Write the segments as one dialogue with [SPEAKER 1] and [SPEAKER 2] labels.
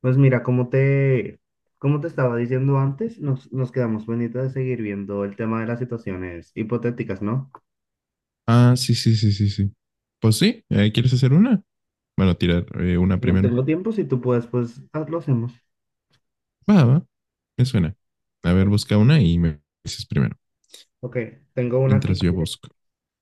[SPEAKER 1] Pues mira, como te estaba diciendo antes, nos quedamos pendientes de seguir viendo el tema de las situaciones hipotéticas, ¿no?
[SPEAKER 2] Ah, sí, sí, sí, sí, sí. Pues sí, ¿quieres hacer una? Bueno, tirar una primero.
[SPEAKER 1] Tengo tiempo, si tú puedes, lo hacemos.
[SPEAKER 2] Va, va, me suena. A ver,
[SPEAKER 1] O-
[SPEAKER 2] busca una y me dices primero,
[SPEAKER 1] Ok, tengo una aquí,
[SPEAKER 2] mientras yo busco.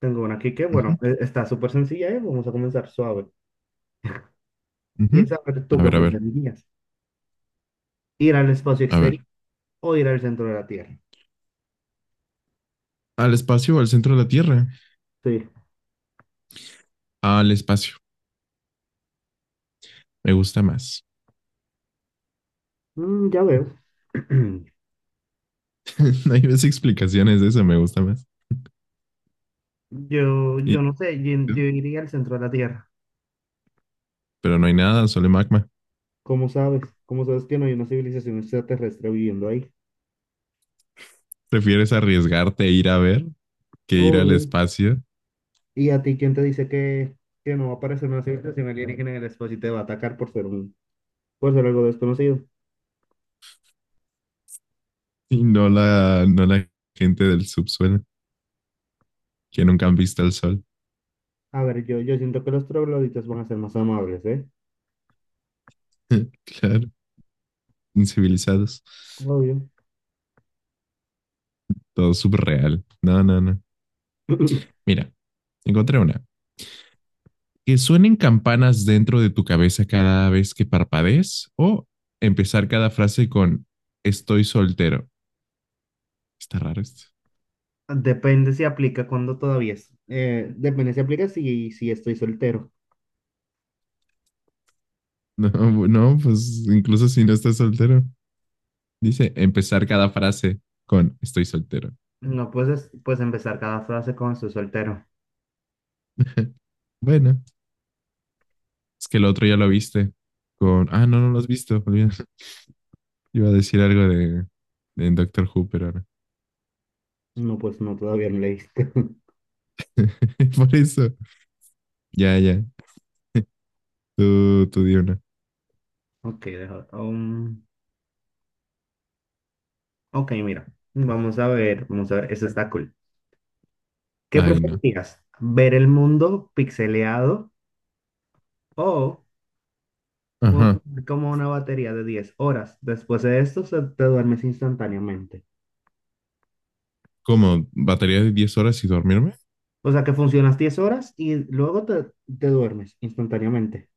[SPEAKER 1] tengo una aquí que, bueno,
[SPEAKER 2] Ujú,
[SPEAKER 1] está súper sencilla y vamos a comenzar suave. Y
[SPEAKER 2] ujú.
[SPEAKER 1] es, a ver, ¿tú
[SPEAKER 2] A
[SPEAKER 1] qué
[SPEAKER 2] ver, a ver,
[SPEAKER 1] preferirías? ¿Ir al espacio
[SPEAKER 2] a
[SPEAKER 1] exterior
[SPEAKER 2] ver.
[SPEAKER 1] o ir al centro de la Tierra?
[SPEAKER 2] ¿Al espacio o al centro de la Tierra?
[SPEAKER 1] Sí.
[SPEAKER 2] Al espacio, me gusta más.
[SPEAKER 1] Mm, ya veo.
[SPEAKER 2] No hay más explicaciones de eso, me gusta más.
[SPEAKER 1] Yo
[SPEAKER 2] Y-
[SPEAKER 1] no sé, yo iría al centro de la Tierra.
[SPEAKER 2] pero no hay nada, solo hay magma.
[SPEAKER 1] ¿Cómo sabes? ¿Cómo sabes que no hay una civilización extraterrestre viviendo ahí?
[SPEAKER 2] ¿Prefieres arriesgarte a ir a ver que ir al
[SPEAKER 1] Oh,
[SPEAKER 2] espacio
[SPEAKER 1] ¿y a ti quién te dice que no va a aparecer una civilización alienígena en el espacio y te va a atacar por ser por ser algo desconocido?
[SPEAKER 2] y no la gente del subsuelo que nunca han visto el sol?
[SPEAKER 1] A ver, yo siento que los trogloditas van a ser más amables, ¿eh?
[SPEAKER 2] Claro, incivilizados.
[SPEAKER 1] Obvio.
[SPEAKER 2] Todo subreal. No, no, no. Mira, encontré una. Que suenen campanas dentro de tu cabeza cada vez que parpadees o empezar cada frase con estoy soltero. Está raro esto.
[SPEAKER 1] Depende si aplica cuando todavía es, depende si aplica si estoy soltero.
[SPEAKER 2] No, no, pues incluso si no estás soltero. Dice empezar cada frase con estoy soltero.
[SPEAKER 1] No puedes empezar cada frase con estoy soltero.
[SPEAKER 2] Bueno, es que el otro ya lo viste. Con, ah, no, no lo has visto. Olvida. Iba a decir algo de Doctor Who, pero ahora.
[SPEAKER 1] No, pues no, todavía no leíste.
[SPEAKER 2] Por eso. Ya, ya. Tú di una.
[SPEAKER 1] Ok, deja, ok, mira. Vamos a ver, vamos a ver. Eso está cool. ¿Qué
[SPEAKER 2] Ay, no.
[SPEAKER 1] preferirías? ¿Ver el mundo pixeleado o un-
[SPEAKER 2] Ajá.
[SPEAKER 1] como una batería de 10 horas? Después de esto te duermes instantáneamente.
[SPEAKER 2] ¿Cómo? ¿Batería de 10 horas y dormirme?
[SPEAKER 1] O sea que funcionas 10 horas y luego te duermes instantáneamente.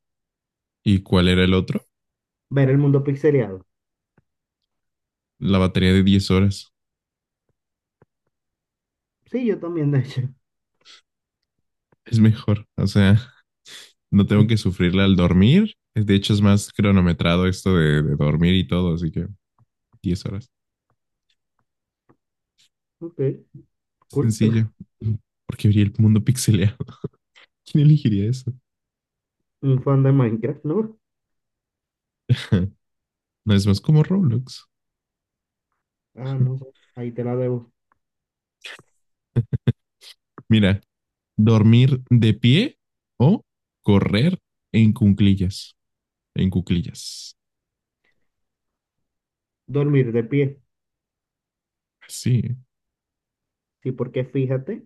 [SPEAKER 2] ¿Y cuál era el otro?
[SPEAKER 1] Ver el mundo pixeleado.
[SPEAKER 2] La batería de diez horas.
[SPEAKER 1] Sí, yo también, de hecho.
[SPEAKER 2] Es mejor. O sea, no tengo que sufrirla al dormir. De hecho, es más cronometrado esto de dormir y todo, así que 10 horas.
[SPEAKER 1] Ok, cool.
[SPEAKER 2] Sencillo. Porque vería el mundo pixeleado. ¿Quién elegiría eso?
[SPEAKER 1] Un fan de Minecraft, ¿no?
[SPEAKER 2] No es más como Roblox.
[SPEAKER 1] Ah, no sé. Ahí te la debo.
[SPEAKER 2] Mira, dormir de pie o correr en cuclillas. En cuclillas.
[SPEAKER 1] Dormir de pie.
[SPEAKER 2] Así.
[SPEAKER 1] Sí, porque fíjate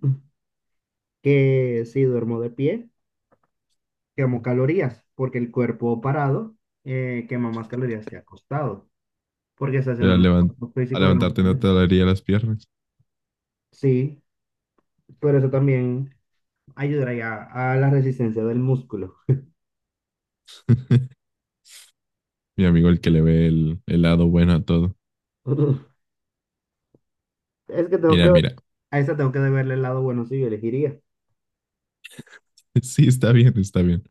[SPEAKER 1] que si duermo de pie, quemo calorías, porque el cuerpo parado, quema más calorías que acostado, porque estás en
[SPEAKER 2] Pero
[SPEAKER 1] un esfuerzo
[SPEAKER 2] al
[SPEAKER 1] físico de
[SPEAKER 2] levantarte no
[SPEAKER 1] mantener.
[SPEAKER 2] te dolería las piernas.
[SPEAKER 1] Sí, pero eso también ayudaría a la resistencia del músculo.
[SPEAKER 2] Mi amigo, el que le ve el lado bueno a todo.
[SPEAKER 1] Es que tengo que,
[SPEAKER 2] Mira, mira.
[SPEAKER 1] a esa tengo que verle el lado bueno, si yo elegiría.
[SPEAKER 2] Sí, está bien, está bien.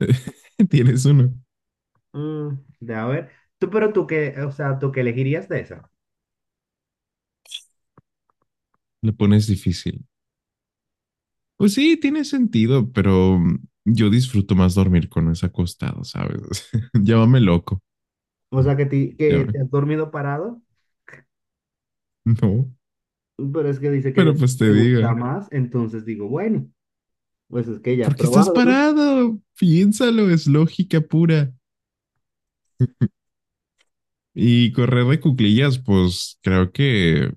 [SPEAKER 2] Tienes uno.
[SPEAKER 1] Mm, de a ver, tú, pero tú qué, o sea, tú qué elegirías de esa.
[SPEAKER 2] Lo pones difícil. Pues sí, tiene sentido, pero yo disfruto más dormir con eso acostado, ¿sabes? Llámame loco.
[SPEAKER 1] O sea, que
[SPEAKER 2] Llámame.
[SPEAKER 1] te has dormido parado,
[SPEAKER 2] No,
[SPEAKER 1] pero es que dice
[SPEAKER 2] pero
[SPEAKER 1] que
[SPEAKER 2] pues te
[SPEAKER 1] te gusta
[SPEAKER 2] diga.
[SPEAKER 1] más, entonces digo, bueno, pues es que ya he
[SPEAKER 2] ¿Por qué estás
[SPEAKER 1] probado, ¿no?
[SPEAKER 2] parado? Piénsalo, es lógica pura. Y correr de cuclillas, pues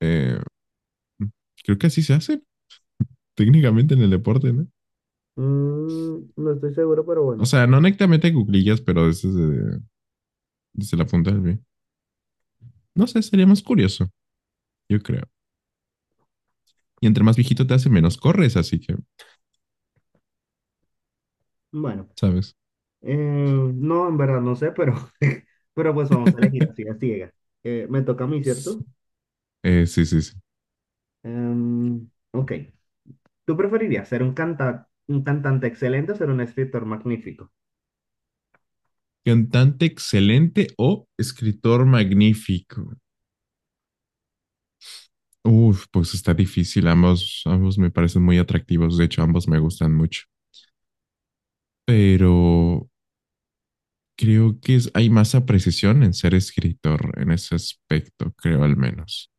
[SPEAKER 2] eh, creo que así se hace. Técnicamente en el deporte, ¿no?
[SPEAKER 1] Mm, no estoy seguro, pero
[SPEAKER 2] O
[SPEAKER 1] bueno.
[SPEAKER 2] sea, no netamente cuclillas, pero desde la punta del pie. No sé, sería más curioso, yo creo. Y entre más viejito te hace, menos corres, así que,
[SPEAKER 1] Bueno,
[SPEAKER 2] ¿sabes?
[SPEAKER 1] eh, no, en verdad no sé, pero, pero pues vamos a elegir así a ciegas. Me toca a mí, ¿cierto?
[SPEAKER 2] Sí, sí, sí.
[SPEAKER 1] Ok. ¿Tú preferirías ser un un cantante excelente o ser un escritor magnífico?
[SPEAKER 2] Cantante excelente o escritor magnífico. Uf, pues está difícil. Ambos, ambos me parecen muy atractivos. De hecho, ambos me gustan mucho. Pero creo que hay más apreciación en ser escritor en ese aspecto, creo al menos.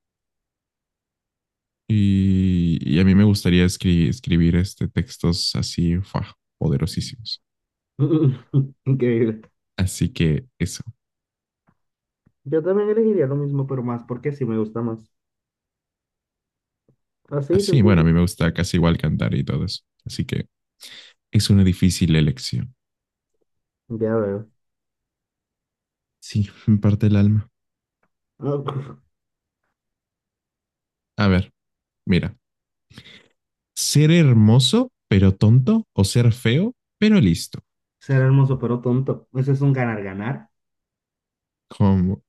[SPEAKER 2] Y a mí me gustaría escribir este, textos así, poderosísimos.
[SPEAKER 1] Increíble.
[SPEAKER 2] Así que eso.
[SPEAKER 1] Yo también elegiría lo mismo, pero más porque sí me gusta más. Así,
[SPEAKER 2] Así, bueno,
[SPEAKER 1] sencillo.
[SPEAKER 2] a mí me gusta casi igual cantar y todo eso. Así que es una difícil elección.
[SPEAKER 1] Ya veo.
[SPEAKER 2] Sí, me parte el alma. A ver, mira. ¿Ser hermoso, pero tonto? ¿O ser feo, pero listo?
[SPEAKER 1] Ser hermoso pero tonto. Eso es un ganar-ganar.
[SPEAKER 2] ¿Cómo,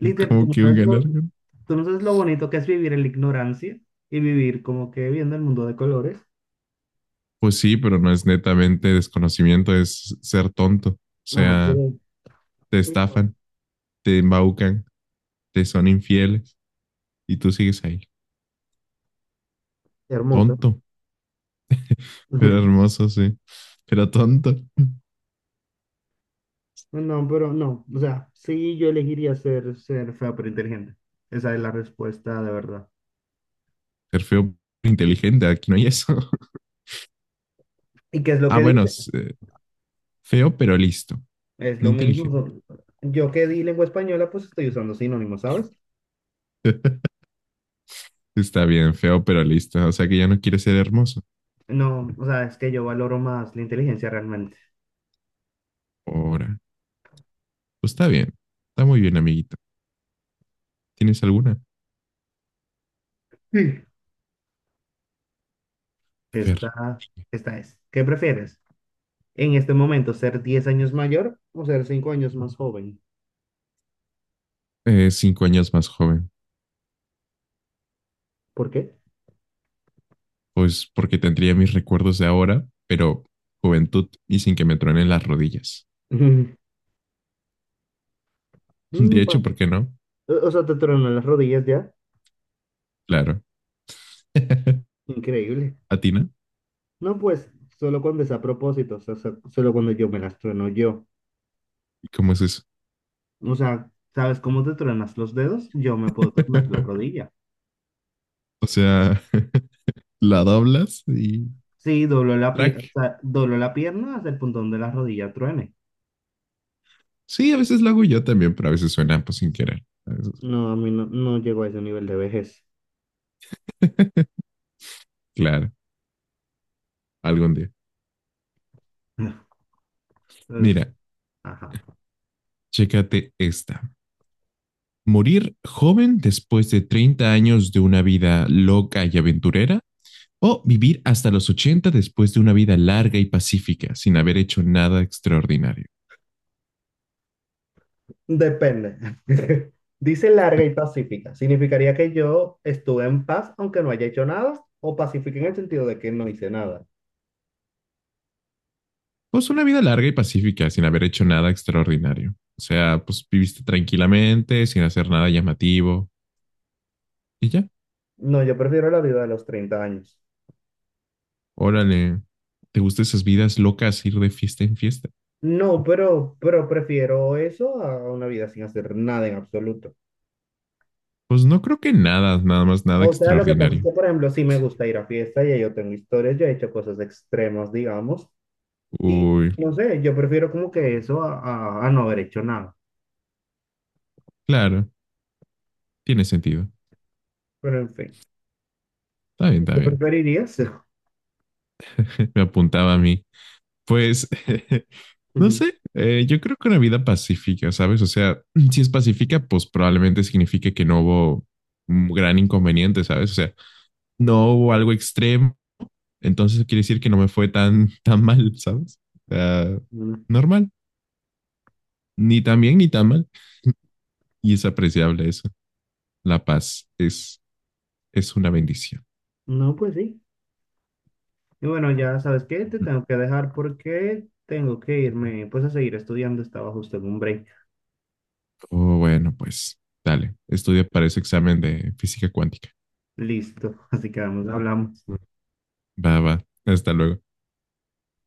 [SPEAKER 1] Literal,
[SPEAKER 2] cómo que un ganar?
[SPEAKER 1] tú no sabes lo bonito que es vivir en la ignorancia y vivir como que viendo el mundo de colores.
[SPEAKER 2] Pues sí, pero no es netamente desconocimiento, es ser tonto. O
[SPEAKER 1] Ah,
[SPEAKER 2] sea,
[SPEAKER 1] pero
[SPEAKER 2] te
[SPEAKER 1] igual,
[SPEAKER 2] estafan, te embaucan, te son infieles y tú sigues ahí.
[SPEAKER 1] hermoso.
[SPEAKER 2] Tonto. Era hermoso, sí. Era tonto.
[SPEAKER 1] No, pero no, o sea, sí, yo elegiría ser, ser feo pero inteligente. Esa es la respuesta de verdad.
[SPEAKER 2] Ser feo, pero inteligente. Aquí no hay eso.
[SPEAKER 1] ¿Y qué es lo
[SPEAKER 2] Ah,
[SPEAKER 1] que
[SPEAKER 2] bueno,
[SPEAKER 1] dice?
[SPEAKER 2] feo, pero listo.
[SPEAKER 1] Es
[SPEAKER 2] No
[SPEAKER 1] lo mismo,
[SPEAKER 2] inteligente.
[SPEAKER 1] yo que di lengua española, pues estoy usando sinónimos, ¿sabes?
[SPEAKER 2] Está bien, feo, pero listo. O sea que ya no quiere ser hermoso.
[SPEAKER 1] No, o sea, es que yo valoro más la inteligencia realmente.
[SPEAKER 2] Ahora. Pues está bien. Está muy bien, amiguito. ¿Tienes alguna? A
[SPEAKER 1] Sí.
[SPEAKER 2] ver.
[SPEAKER 1] Esta, esta es. ¿Qué prefieres en este momento, ser 10 años mayor o ser 5 años más joven?
[SPEAKER 2] 5 años más joven.
[SPEAKER 1] ¿Por qué?
[SPEAKER 2] Pues porque tendría mis recuerdos de ahora, pero juventud y sin que me truenen las rodillas. De
[SPEAKER 1] Mm, bueno.
[SPEAKER 2] hecho, ¿por qué no?
[SPEAKER 1] O sea, te tronan las rodillas ya.
[SPEAKER 2] Claro.
[SPEAKER 1] Increíble.
[SPEAKER 2] ¿A ti no?
[SPEAKER 1] No, pues, solo cuando es a propósito, o sea, solo cuando yo me las trueno yo.
[SPEAKER 2] ¿Y cómo es eso?
[SPEAKER 1] O sea, ¿sabes cómo te truenas los dedos? Yo me puedo tronar la rodilla.
[SPEAKER 2] O sea, la doblas y
[SPEAKER 1] Sí, doblo la pierna,
[SPEAKER 2] track.
[SPEAKER 1] o sea, doblo la pierna hasta el punto donde la rodilla truene.
[SPEAKER 2] Sí, a veces lo hago yo también, pero a veces suena pues sin querer. A veces.
[SPEAKER 1] No, a mí no, no llego a ese nivel de vejez.
[SPEAKER 2] Claro, algún día.
[SPEAKER 1] Pues,
[SPEAKER 2] Mira,
[SPEAKER 1] ajá.
[SPEAKER 2] chécate esta. ¿Morir joven después de 30 años de una vida loca y aventurera? ¿O vivir hasta los 80 después de una vida larga y pacífica sin haber hecho nada extraordinario?
[SPEAKER 1] Depende. Dice larga y pacífica. Significaría que yo estuve en paz aunque no haya hecho nada, o pacífica en el sentido de que no hice nada.
[SPEAKER 2] Pues una vida larga y pacífica sin haber hecho nada extraordinario. O sea, pues viviste tranquilamente, sin hacer nada llamativo y ya.
[SPEAKER 1] No, yo prefiero la vida de los 30 años.
[SPEAKER 2] Órale, ¿te gustan esas vidas locas ir de fiesta en fiesta?
[SPEAKER 1] No, pero prefiero eso a una vida sin hacer nada en absoluto.
[SPEAKER 2] Pues no creo que nada, nada más nada
[SPEAKER 1] O sea, lo que pasa es
[SPEAKER 2] extraordinario.
[SPEAKER 1] que, por ejemplo, sí me gusta ir a fiesta y ahí yo tengo historias, yo he hecho cosas extremas, digamos, y
[SPEAKER 2] Uy,
[SPEAKER 1] no sé, yo prefiero como que eso a, a no haber hecho nada.
[SPEAKER 2] claro, tiene sentido.
[SPEAKER 1] Pero en fin,
[SPEAKER 2] Está bien, está
[SPEAKER 1] ¿tú
[SPEAKER 2] bien.
[SPEAKER 1] preferirías?
[SPEAKER 2] Me apuntaba a mí. Pues, no sé, yo creo que una vida pacífica, ¿sabes? O sea, si es pacífica, pues probablemente signifique que no hubo un gran inconveniente, ¿sabes? O sea, no hubo algo extremo, entonces quiere decir que no me fue tan, tan mal, ¿sabes? O sea, normal, ni tan bien ni tan mal, y es apreciable eso. La paz es una bendición.
[SPEAKER 1] No, pues sí. Y bueno, ya sabes qué, te tengo que dejar porque tengo que irme pues a seguir estudiando, estaba justo en un break.
[SPEAKER 2] Oh, bueno, pues dale, estudia para ese examen de física cuántica.
[SPEAKER 1] Listo, así que vamos, hablamos.
[SPEAKER 2] Va, va, hasta luego.